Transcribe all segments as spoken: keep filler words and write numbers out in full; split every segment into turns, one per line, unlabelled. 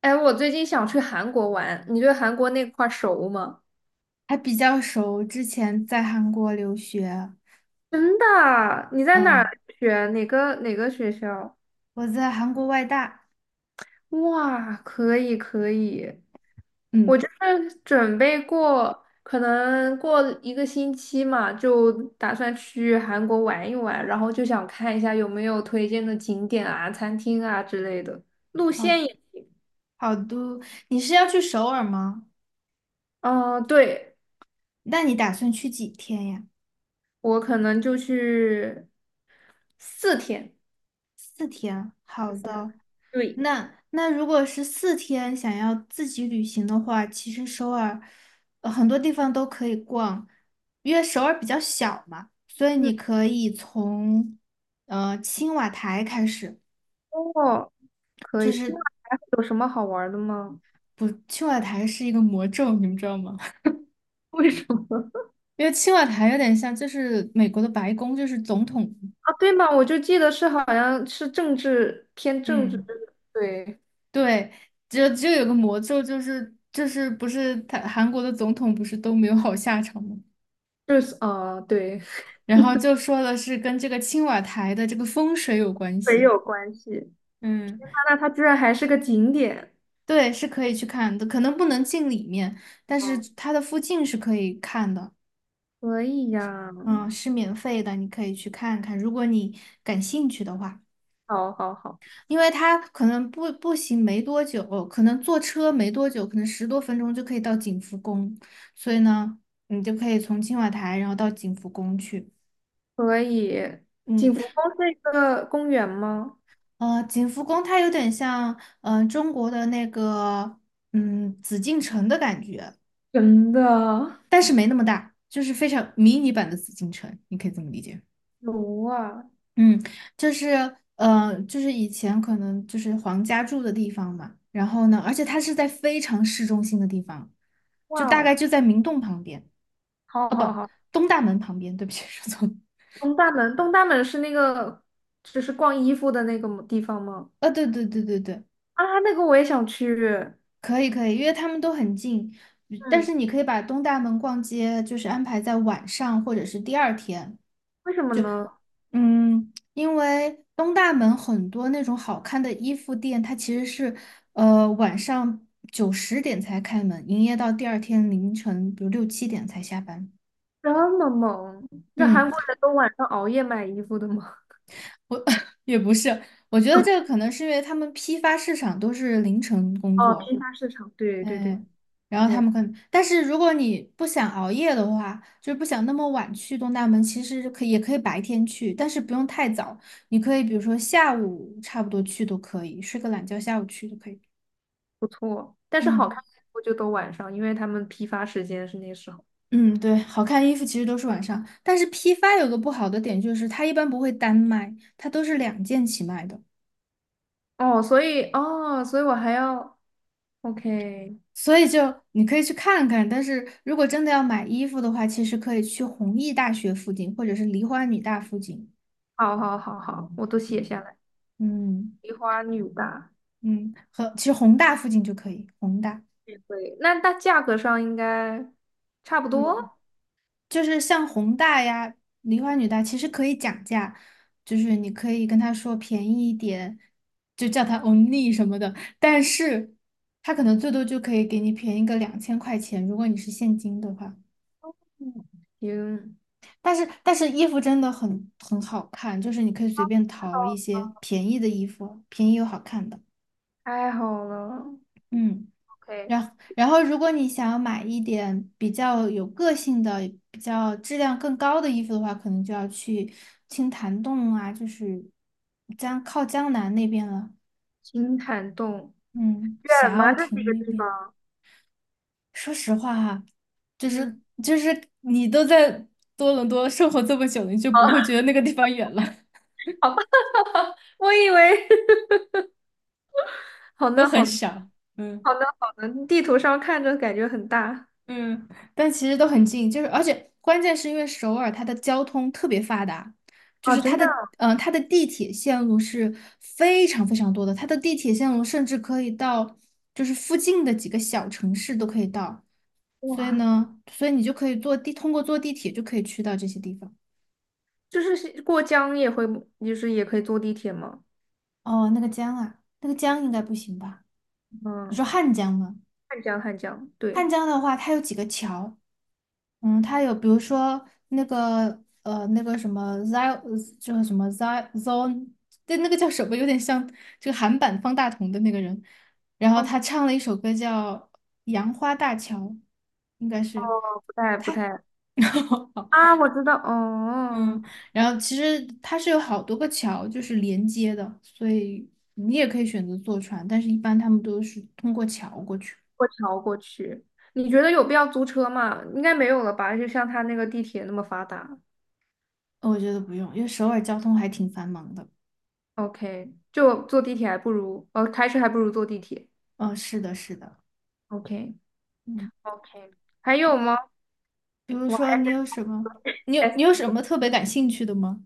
哎，我最近想去韩国玩，你对韩国那块儿熟吗？
还比较熟，之前在韩国留学，
真的啊你在哪
嗯，
儿学？哪个哪个学校？
我在韩国外大。
哇，可以可以，
嗯，
是准备过，可能过一个星期嘛，就打算去韩国玩一玩，然后就想看一下有没有推荐的景点啊、餐厅啊之类的。路
好，
线也，
好多。你是要去首尔吗？
嗯、对，
那你打算去几天呀？
我可能就去四天。
四天啊。好的，
对。
那那如果是四天想要自己旅行的话，其实首尔，呃很多地方都可以逛，因为首尔比较小嘛，所以
嗯。
你可以从呃青瓦台开始。
哦，可
就
以。今
是
晚还会有什么好玩儿的吗？
不，青瓦台是一个魔咒，你们知道吗？
为什么？
因为青瓦台有点像，就是美国的白宫，就是总统。
啊，对嘛，我就记得是好像是政治偏政治，
嗯，
对，
对，就就有个魔咒，就是就是不是他韩国的总统不是都没有好下场吗？
就是啊、呃对，
然后就说的是跟这个青瓦台的这个风水有关
没
系。
有关系。
嗯，
那那它居然还是个景点，
对，是可以去看的，可能不能进里面，但
哦，
是它的附近是可以看的。
可以呀，
嗯，是免费的，你可以去看看，如果你感兴趣的话。
好好好，
因为它可能步步行没多久，可能坐车没多久，可能十多分钟就可以到景福宫，所以呢，你就可以从青瓦台然后到景福宫去。
可以。
嗯，
景福宫是一个公园吗？
呃，景福宫它有点像，嗯，中国的那个，嗯，紫禁城的感觉，
真的？
但是没那么大，就是非常迷你版的紫禁城，你可以这么理解。
有啊，
嗯，就是呃，就是以前可能就是皇家住的地方嘛，然后呢，而且它是在非常市中心的地方，就
哇
大
哦，
概就在明洞旁边。
好
啊，不，
好好。
东大门旁边，对不起，说错了。
东大门，东大门是那个就是逛衣服的那个地方吗？
啊，对对对对对，
啊，那个我也想去，
可以可以，因为他们都很近，但
嗯，
是你可以把东大门逛街就是安排在晚上或者是第二天。
为什么呢？
嗯，因为东大门很多那种好看的衣服店，它其实是呃晚上九十点才开门，营业到第二天凌晨，比如六七点才下班。
这么猛，那
嗯，
韩国人都晚上熬夜买衣服的吗？
我 也不是。我觉得这个 可能是因为他们批发市场都是凌晨工
哦，
作。
批发市场，对对对
嗯，然后他
对，
们可能，但是如果你不想熬夜的话，就是不想那么晚去东大门，其实可以也可以白天去，但是不用太早。你可以比如说下午差不多去都可以，睡个懒觉，下午去都可以。
不错。但是好
嗯
看的衣服就都晚上，因为他们批发时间是那时候。
嗯，对，好看的衣服其实都是晚上，但是批发有个不好的点就是它一般不会单卖，它都是两件起卖的，
哦，所以哦，所以我还要 OK，
所以就你可以去看看。但是如果真的要买衣服的话，其实可以去弘毅大学附近或者是梨花女大附近。
好好好好，我都写下来。
嗯。
梨花女大
嗯，和其实宏大附近就可以，宏大
也会，那它价格上应该差不
嗯，
多。
就是像宏大呀、梨花女大，其实可以讲价，就是你可以跟他说便宜一点，就叫他 only 什么的，但是他可能最多就可以给你便宜个两千块钱，如果你是现金的话。
嗯，行，
但是但是衣服真的很很好看，就是你可以随便淘一些便宜的衣服，便宜又好看的。
太好了。
嗯。
OK，
然然后，如果你想要买一点比较有个性的、比较质量更高的衣服的话，可能就要去青潭洞啊，就是江靠江南那边了。
金坦洞。
嗯，
远
霞
吗？
鸥
这几
亭
个
那
地
边。
方？
说实话哈，就是
嗯，
就是你都在多伦多生活这么久了，你就不
好，
会觉得那个地方远了，
好吧，我以为 好
都
的，
很
好的，
小。嗯。
好的，好的，地图上看着感觉很大
嗯，但其实都很近，就是而且关键是因为首尔它的交通特别发达，就
啊，
是
真
它
的
的嗯、呃它的地铁线路是非常非常多的，它的地铁线路甚至可以到就是附近的几个小城市都可以到。所以
哇，
呢，所以你就可以坐地通过坐地铁就可以去到这些地方。
就是是过江也会，就是也可以坐地铁吗？
哦，那个江啊，那个江应该不行吧？你说
嗯，
汉江吗？
汉江，汉江，
汉
对，
江的话，它有几个桥。嗯，他有比如说那个呃那个什么 Zio， 就是什么 z i Zone，对，那个叫什么，有点像这个韩版方大同的那个人，然后
哦，
他唱了一首歌叫《杨花大桥》，应该是。
不太不太啊，我知道，哦，
嗯，然后其实它是有好多个桥就是连接的，所以你也可以选择坐船，但是一般他们都是通过桥过去。
过桥过去，你觉得有必要租车吗？应该没有了吧？就像他那个地铁那么发达
呃我觉得不用，因为首尔交通还挺繁忙的。
，OK，就坐地铁还不如，哦，开车还不如坐地铁
嗯，是的，是的。
，OK。
嗯。
OK，还有吗？
比如
哇
说，你有什么？你有
，S
你有什么特别感兴趣的吗？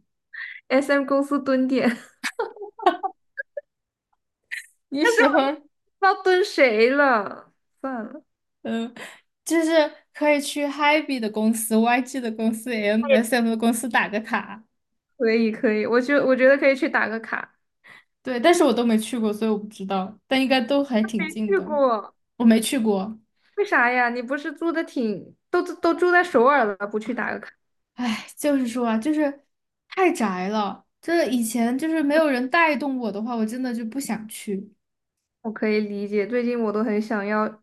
S M 公司蹲点，
你
但是
喜
我不知
欢。
道蹲谁了，算了，
嗯，就是可以去 Hebe 的公司、Y G 的公司、M S M 的公司打个卡。
可以可以，我觉我觉得可以去打个卡，
对，但是我都没去过，所以我不知道，但应该都还挺
没
近
去
的。
过，
我没去过。
为啥呀？你不是住的挺，都都住在首尔了，不去打个卡，
唉，就是说啊，就是太宅了。就是以前就是没有人带动我的话，我真的就不想去，
我可以理解。最近我都很想要，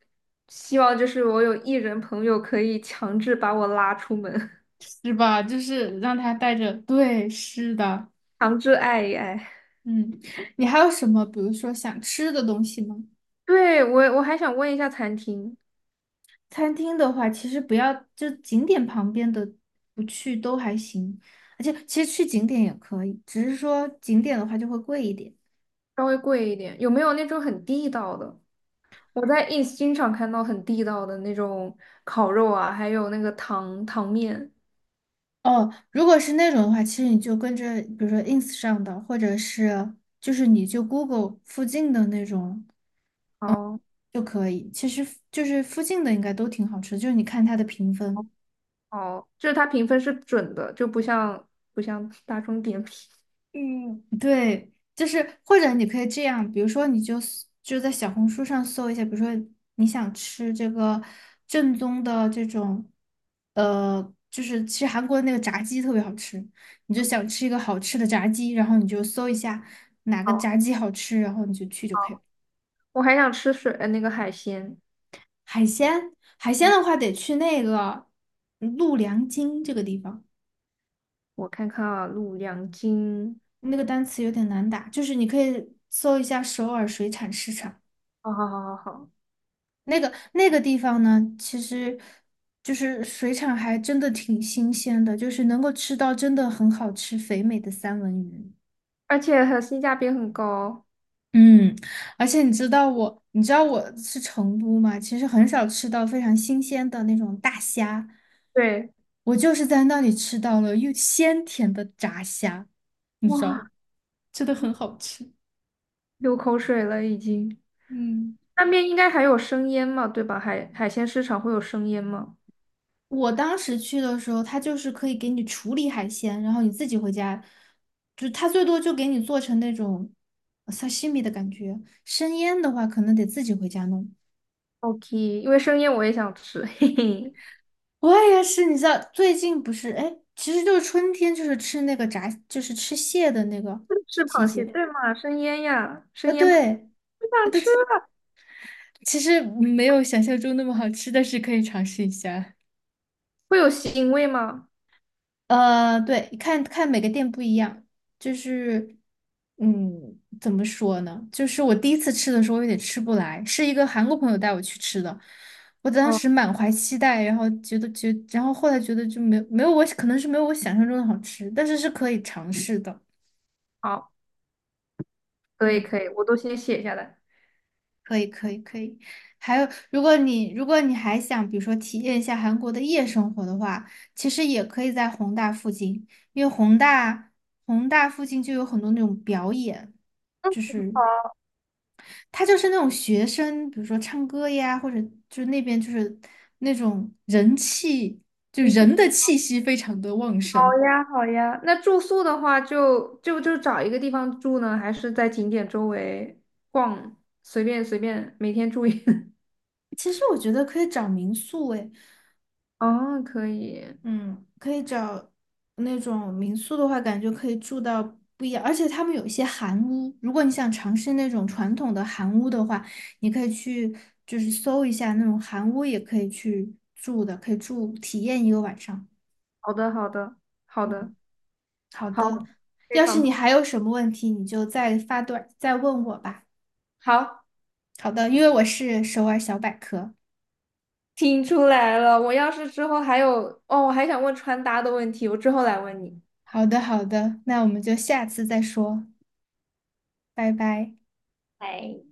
希望就是我有艺人朋友可以强制把我拉出门，
是吧？就是让他带着，对，是的，
强制爱一爱。
嗯。你还有什么，比如说想吃的东西吗？
对，我我还想问一下餐厅，
餐厅的话，其实不要就景点旁边的不去都还行，而且其实去景点也可以，只是说景点的话就会贵一点。
稍微贵一点，有没有那种很地道的？我在 ins 经常看到很地道的那种烤肉啊，还有那个糖糖面。
哦，如果是那种的话，其实你就跟着，比如说 ins 上的，或者是就是你就 Google 附近的那种
哦
就可以。其实就是附近的应该都挺好吃的，就是你看它的评分。
哦，就是它评分是准的，就不像不像大众点评。
嗯，对，就是或者你可以这样，比如说你就 s- 就在小红书上搜一下，比如说你想吃这个正宗的这种。呃，就是其实韩国的那个炸鸡特别好吃，你就想吃一个好吃的炸鸡，然后你就搜一下哪个
哦。
炸鸡好吃，然后你就去就可以了。
我还想吃水，呃，那个海鲜。
海鲜，海鲜的话得去那个陆良京这个地方。
我看看啊，陆两斤。
那个单词有点难打，就是你可以搜一下首尔水产市场。
好好好好好，
那个那个地方呢，其实就是水产还真的挺新鲜的，就是能够吃到真的很好吃肥美的三文鱼。
而且很性价比很高。
嗯，而且你知道我，你知道我是成都嘛，其实很少吃到非常新鲜的那种大虾，
对，
我就是在那里吃到了又鲜甜的炸虾，你知道，
哇，
真的很好吃。
流口水了已经。
嗯。
那边应该还有生腌嘛，对吧？海海鲜市场会有生腌吗
我当时去的时候，他就是可以给你处理海鲜，然后你自己回家。就他最多就给你做成那种呃 sashimi 的感觉，生腌的话可能得自己回家弄。
？OK，因为生腌我也想吃，嘿嘿。
我也是，你知道最近不是，哎，其实就是春天，就是吃那个炸，就是吃蟹的那个
是
季
螃蟹，
节。
对嘛？生腌呀，生
啊，
腌螃，
对，
不想吃
对，
了，
其实没有想象中那么好吃，但是可以尝试一下。
会有腥味吗？
呃，对，看看每个店不一样。就是，嗯，怎么说呢？就是我第一次吃的时候有点吃不来，是一个韩国朋友带我去吃的。我当
哦，
时满怀期待，然后觉得觉，然后后来觉得就没有没有，我可能是没有我想象中的好吃，但是是可以尝试的。
好，可以
嗯。
可以，我都先写下来。
可以，可以，可以。还有，如果你如果你还想，比如说体验一下韩国的夜生活的话，其实也可以在弘大附近，因为弘大弘大附近就有很多那种表演，就是
好，
它就是那种学生，比如说唱歌呀，或者就是那边就是那种人气，就人的气息非常的旺
好
盛。
呀好呀。那住宿的话就，就就找一个地方住呢，还是在景点周围逛，随便随便，每天住一。
其实我觉得可以找民宿，诶，
哦，可以，
嗯，可以找那种民宿的话，感觉可以住到不一样，而且他们有一些韩屋，如果你想尝试那种传统的韩屋的话，你可以去就是搜一下那种韩屋，也可以去住的，可以住体验一个晚上。
好的好的好的
嗯，好
好，
的，
非
要是
常
你还有什么问题，你就再发短再问我吧。
好，
好的，因为我是首尔小百科。
听出来了。我要是之后还有，哦，我还想问穿搭的问题，我之后来问你。
好的，好的，那我们就下次再说，拜拜。
拜。